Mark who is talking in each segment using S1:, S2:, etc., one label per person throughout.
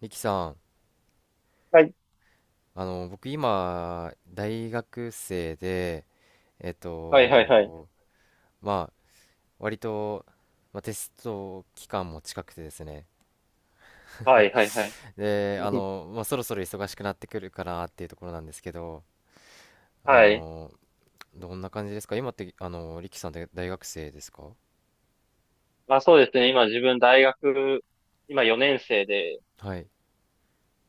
S1: リキさん、
S2: はい。
S1: 僕今、大学生で、えっ
S2: はいはいはい。
S1: と、まあ、割と、まあ、テスト期間も近くてですね。
S2: はいはいはい。
S1: で、
S2: うん。
S1: まあ、そろそろ忙しくなってくるかなっていうところなんですけど、あ
S2: はい。
S1: の、どんな感じですか今って、リキさんって大学生ですか？
S2: まあそうですね。今自分大学、今4年生で、
S1: はい。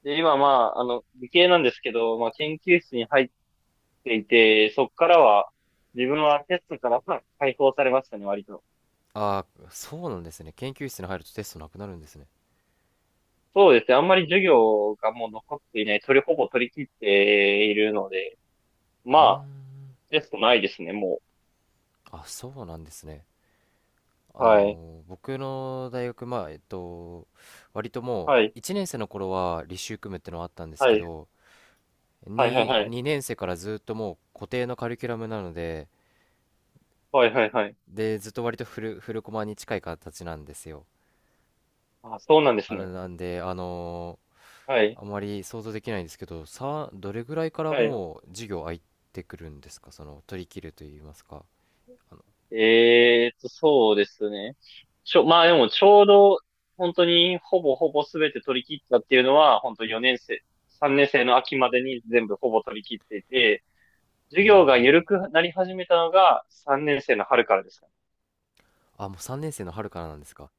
S2: で、今まあ、理系なんですけど、まあ研究室に入っていて、そこからは、自分はテストからまあ解放されましたね、割と。
S1: ああ、そうなんですね。研究室に入るとテストなくなるんですね。
S2: そうですね。あんまり授業がもう残っていない。ほぼ取り切っているので、
S1: うー
S2: まあ、
S1: ん、
S2: テストないですね、も
S1: あ、そうなんですね。
S2: う。はい。
S1: 僕の大学、まあ、割とも
S2: はい。
S1: う1年生の頃は履修組むってのはあったんです
S2: は
S1: け
S2: い。
S1: ど、
S2: はいはいはい。
S1: 2年生からずっともう固定のカリキュラムなので、
S2: はいはいはい。
S1: で、ずっと割とフルコマに近い形なんですよ。
S2: あ、そうなんです
S1: あれ
S2: ね。
S1: なんで、
S2: はい。
S1: あまり想像できないんですけど、どれぐらいから
S2: はい。
S1: もう授業空いてくるんですか、その、取り切ると言いますか？あの、
S2: そうですね。まあでもちょうど、本当にほぼほぼ全て取り切ったっていうのは、本当4年生、3年生の秋までに全部ほぼ取り切っていて、
S1: へ
S2: 授業が
S1: え、
S2: 緩くなり始めたのが3年生の春からですかね。
S1: あ、もう3年生の春からなんですか？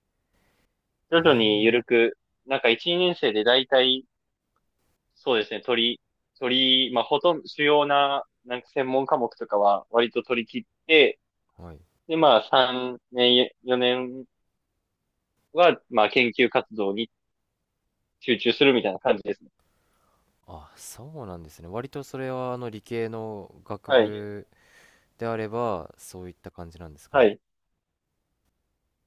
S2: 徐々に
S1: ええ、
S2: 緩く、なんか1、年生で大体、そうですね、取り、取り、まあほとんど主要な、なんか専門科目とかは割と取り切って、
S1: はい。
S2: でまあ3年、4年は、まあ研究活動に集中するみたいな感じですね。
S1: あ、そうなんですね。割とそれは理系の学
S2: はい。
S1: 部であれば、そういった感じなんですか
S2: は
S1: ね。
S2: い。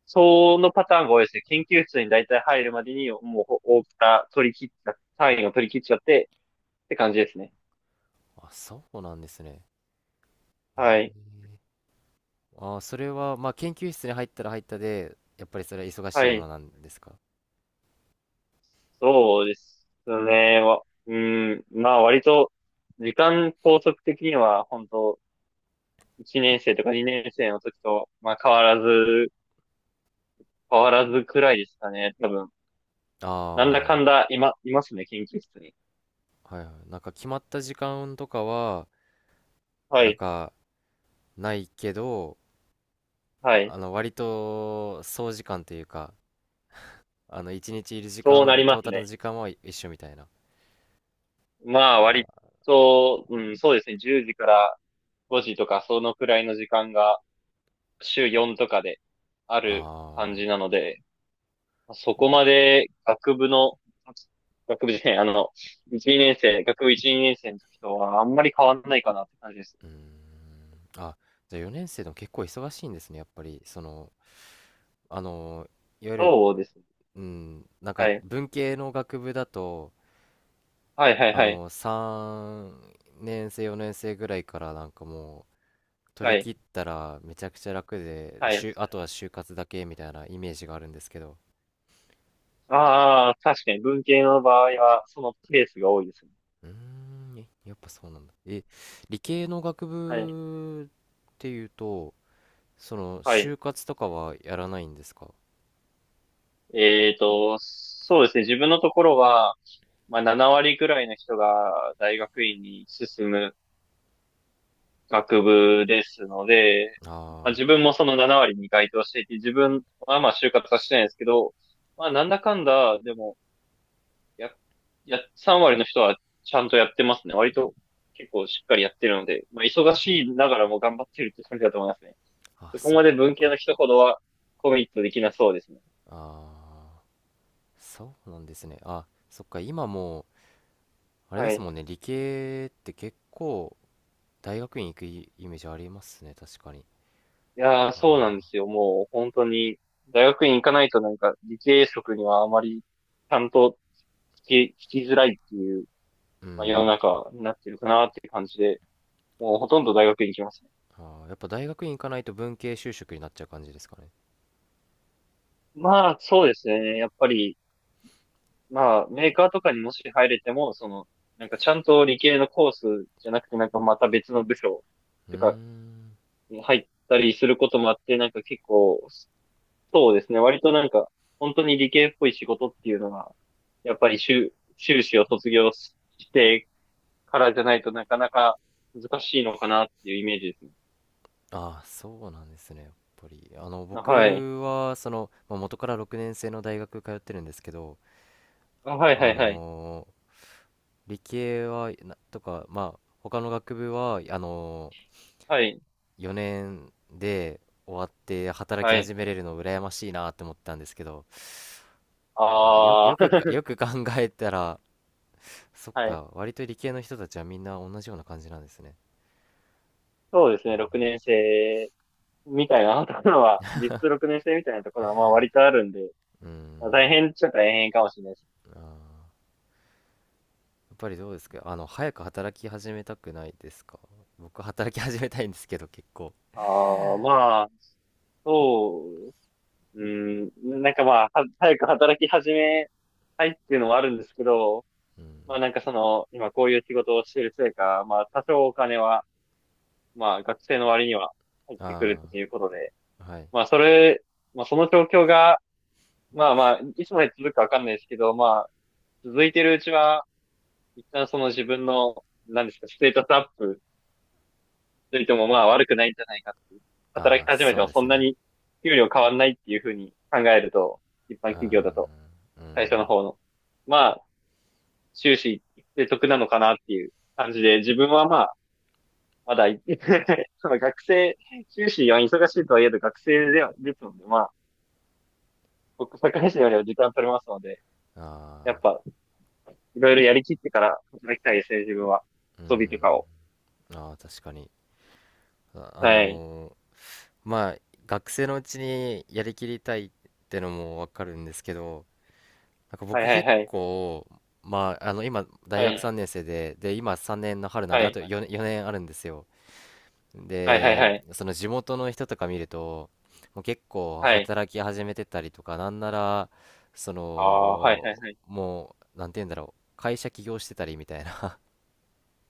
S2: そのパターンが多いですね。研究室に大体入るまでに、もう、大きな取り切っちゃ、単位を取り切っちゃって、って感じですね。
S1: あ、そうなんですね。え
S2: はい。
S1: え、あ、それは、まあ、研究室に入ったら入ったで、やっぱりそれは忙し
S2: は
S1: いもの
S2: い。
S1: なんですか？
S2: そうですね。うん。まあ、割と、時間拘束的には、本当1年生とか2年生の時と、まあ、変わらずくらいですかね。多分、
S1: あ
S2: なんだ
S1: あ、
S2: か
S1: は
S2: んだ、今、いますね、研究室に。
S1: いはい。なんか決まった時間とかは、
S2: は
S1: なん
S2: い。
S1: かないけど、
S2: はい。
S1: 割と総時間というか、一日いる時
S2: そうな
S1: 間、
S2: り
S1: ト
S2: ま
S1: ー
S2: す
S1: タル
S2: ね。
S1: の時間は一緒みたいな。
S2: まあ、割
S1: あ
S2: と、うん、そうですね。10時から5時とか、そのくらいの時間が週4とかである感
S1: あ、
S2: じなので、そこまで学部の、学部じゃない、1、2年生、学部1、年生の時とはあんまり変わんないかなって感じです。
S1: うーん。あ、じゃあ4年生でも結構忙しいんですね、やっぱり。その、あの、いわゆる、
S2: そうですね。
S1: うん、なんか
S2: はい。
S1: 文系の学部だと、
S2: はいはいはい。
S1: 3年生、4年生ぐらいからなんかもう、取
S2: は
S1: り切
S2: い。
S1: ったらめちゃくちゃ楽で、
S2: はい。
S1: あとは就活だけみたいなイメージがあるんですけど。
S2: ああ、確かに文系の場合は、そのケースが多いですね。
S1: うーん、えやっぱそうなんだ。え、理系の学
S2: はい。
S1: 部っていうと、その、
S2: はい。
S1: 就活とかはやらないんですか？
S2: そうですね。自分のところは、まあ、7割くらいの人が大学院に進む学部ですので、まあ、
S1: あ
S2: 自分もその7割に該当していて、自分はまあ就活はしてないんですけど、まあ、なんだかんだ、でも、や、3割の人はちゃんとやってますね。割と結構しっかりやってるので、まあ、忙しいながらも頑張ってるって感じだと思いますね。
S1: あー、あ、
S2: そこ
S1: そっ
S2: まで文系
S1: か。
S2: の人ほどはコミットできなそうですね。
S1: ああ、そうなんですね。あ、そっか、今もう、あれで
S2: は
S1: す
S2: い。
S1: もんね、理系って結構、大学院行くイメージありますね、確かに。
S2: いやー、
S1: あ
S2: そうなんで
S1: あ、
S2: すよ。もう本当に、大学院行かないとなんか理系職にはあまりちゃんと聞聞きづらいっていう、
S1: う
S2: まあ、世の
S1: ん。
S2: 中になってるかなっていう感じで、もうほとんど大学院行きますね。
S1: ああ、やっぱ大学院行かないと文系就職になっちゃう感じですかね。
S2: まあ、そうですね。やっぱり、まあ、メーカーとかにもし入れても、その、なんかちゃんと理系のコースじゃなくて、なんかまた別の部署
S1: うー
S2: とか
S1: ん。
S2: に入ったりすることもあって、なんか結構、そうですね。割となんか、本当に理系っぽい仕事っていうのが、やっぱり修士を卒業してからじゃないとなかなか難しいのかなっていうイメージですね。
S1: ああ、そうなんですね、やっぱり。
S2: あ、はい。
S1: 僕は、その、まあ、元から6年生の大学通ってるんですけど、
S2: あ、はいは
S1: あ
S2: いはい。
S1: のー理系は、とか、まあ、他の学部は、
S2: はい。
S1: 4年で終わって働き
S2: はい。
S1: 始めれるの羨ましいなって思ったんですけど、
S2: ああ、
S1: よく考えたら、そ っ
S2: はい。
S1: か、割と理系の人たちはみんな同じような感じなんですね。
S2: そうですね。6年生みたいなところは、実質6年生みたいなところはまあ割とあるんで、
S1: うー
S2: まあ
S1: ん、
S2: 大変っちゃ大変かもしれないです。
S1: あー、やっぱりどうですか、早く働き始めたくないですか？僕働き始めたいんですけど、結構。
S2: ああ、まあ、そううん、なんかまあ、早く働き始めたいっていうのはあるんですけど、
S1: うん、
S2: まあなんかその、今こういう仕事をしているせいか、まあ多少お金は、まあ学生の割には入ってくるっ
S1: あ
S2: ていうことで、
S1: あ、はい。
S2: まあそれ、まあその状況が、まあまあ、いつまで続くかわかんないですけど、まあ、続いてるうちは、一旦その自分の、なんですか、ステータスアップといてもまあ悪くないんじゃないかっていう。働
S1: あ
S2: き
S1: あ、
S2: 始め
S1: そ
S2: て
S1: う
S2: も
S1: で
S2: そ
S1: す
S2: んな
S1: ね。
S2: に給料変わんないっていうふうに考えると、一般
S1: うー
S2: 企業だと。
S1: ん、う
S2: 最初の
S1: ん、
S2: 方の。まあ、終始で得なのかなっていう感じで、自分はまあ、まだ、その学生、修士は忙しいとはいえど学生では、ですので、まあ、僕、堺市よりは時間取れますので、や
S1: あ
S2: っ
S1: あ、
S2: ぱ、いろいろやりきってから働きたいですね、自分は。
S1: う
S2: 遊びと
S1: ん、
S2: かを。
S1: ああ、確かに。あ、
S2: はい。
S1: まあ学生のうちにやりきりたいってのもわかるんですけど、なんか
S2: はい
S1: 僕
S2: はい
S1: 結
S2: はい。
S1: 構まあ今
S2: は
S1: 大学
S2: い。
S1: 3年生で、で今3年の春なんで、
S2: は
S1: あ
S2: い。
S1: と4年あるんですよ。
S2: はいはい
S1: で、
S2: はい。
S1: その地元の人とか見るともう結構
S2: はい。
S1: 働き始めてたりとか、なんならそ
S2: ああ、はいはい
S1: の
S2: はい。
S1: もうなんて言うんだろう、会社起業してたりみたいな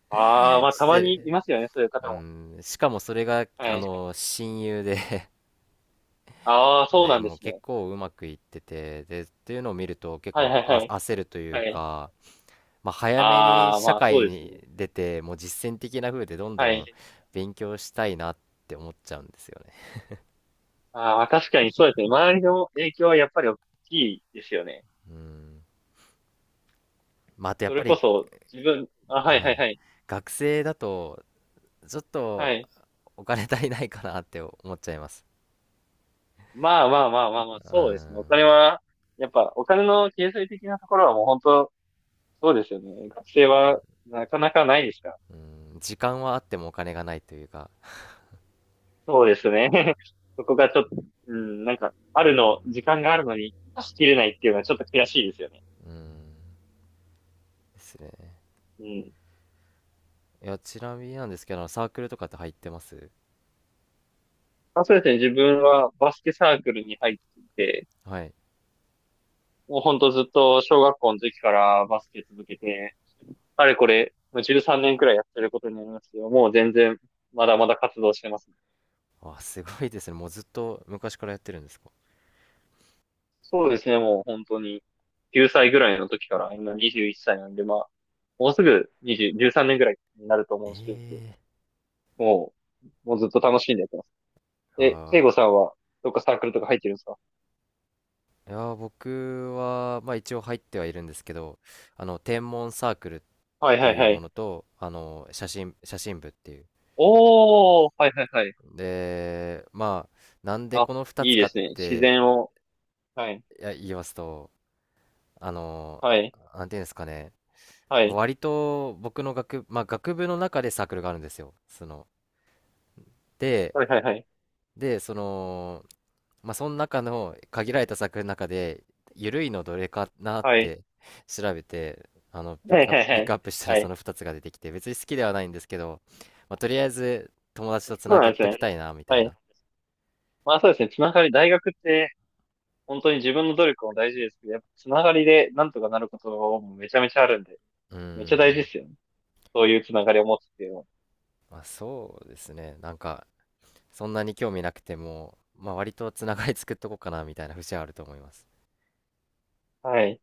S2: ああ、ま あ、た
S1: し
S2: まにい
S1: て、
S2: ますよね、そういう方
S1: う
S2: も。
S1: ん、しかもそれが
S2: は
S1: あ
S2: い。
S1: の親友で、
S2: ああ、そう
S1: で
S2: なんで
S1: もう
S2: す
S1: 結
S2: ね。
S1: 構うまくいっててでっていうのを見ると、結
S2: はいは
S1: 構
S2: いはい。
S1: 焦るという
S2: はい。
S1: か、まあ、早めに
S2: ああ、
S1: 社
S2: まあ、そう
S1: 会
S2: です
S1: に
S2: ね。
S1: 出てもう実践的な風でどんど
S2: は
S1: ん
S2: い。
S1: 勉強したいなって思っちゃうんですよね。
S2: ああ、確かにそうですね。周りの影響はやっぱり大きいですよね。
S1: うん。まあ、あとやっ
S2: そ
S1: ぱ
S2: れこ
S1: り、
S2: そ自分、あ、はい
S1: は
S2: はい
S1: い、
S2: はい。
S1: 学生だとちょっ
S2: は
S1: と
S2: い。
S1: お金足りないかなって思っちゃいます。
S2: まあまあまあまあまあ、
S1: う
S2: そうですね。お
S1: ん、
S2: 金は、やっぱお金の経済的なところはもう本当、そうですよね。学生はなかなかないですから。
S1: うん、時間はあってもお金がないというか、
S2: そうですね。そこがちょっと、うん、なんか、あるの、時間があるのに出し切れないっていうのはちょっと悔しいですよね。
S1: うん、ですね。
S2: うん。
S1: いや、ちなみになんですけど、サークルとかって入ってます？
S2: まあ、そうですね。自分はバスケサークルに入っていて、
S1: はい。
S2: もうほんとずっと小学校の時からバスケ続けて、あれこれ、もう13年くらいやってることになりますけど、もう全然、まだまだ活動してます。
S1: あ、すごいですね。もうずっと昔からやってるんですか。
S2: そうですね、もう本当に、9歳ぐらいの時から、今21歳なんで、まあ、もうすぐ20、13年ぐらいになると思
S1: え
S2: うんですけど、
S1: えー、
S2: ももうずっと楽しんでやってます。え、聖
S1: あ
S2: 子さんは、どっかサークルとか入ってるんですか？
S1: ー、いやー、僕は、まあ一応入ってはいるんですけど、天文サークルっ
S2: はい
S1: て
S2: はい
S1: いう
S2: は
S1: も
S2: い。
S1: のと、写真部っていう。
S2: おー、はいはいはい。
S1: で、まあ、なんで
S2: あ、
S1: この2
S2: いい
S1: つか
S2: で
S1: っ
S2: すね。自
S1: て
S2: 然を、はい、
S1: いや言いますと、あの、
S2: はい、
S1: なんていうんですかね、
S2: はい、
S1: 割と僕のまあ学部の中でサークルがあるんですよ。その、で、
S2: はいはいはい。
S1: で、その、まあ、その中の限られた作品の中で、緩いのどれかなっ
S2: はい。
S1: て 調べて、
S2: はいはい
S1: ピッ
S2: は
S1: クア
S2: い。
S1: ップしたら
S2: は
S1: そ
S2: い。
S1: の2つが出てきて、別に好きではないんですけど、まあ、とりあえず友達とつ
S2: そ
S1: な
S2: うな
S1: げ
S2: んです
S1: とき
S2: ね。
S1: たいな、みた
S2: は
S1: い
S2: い。
S1: な。
S2: まあそうですね。つながり、大学って本当に自分の努力も大事ですけど、やっぱつながりでなんとかなることもめちゃめちゃあるんで、
S1: うー
S2: めちゃ大事
S1: ん。
S2: ですよね。そういうつながりを持つっていうの
S1: まあ、そうですね。なんか、そんなに興味なくても、まあ、割とつながり作っとこうかな、みたいな節はあると思います。
S2: は。はい。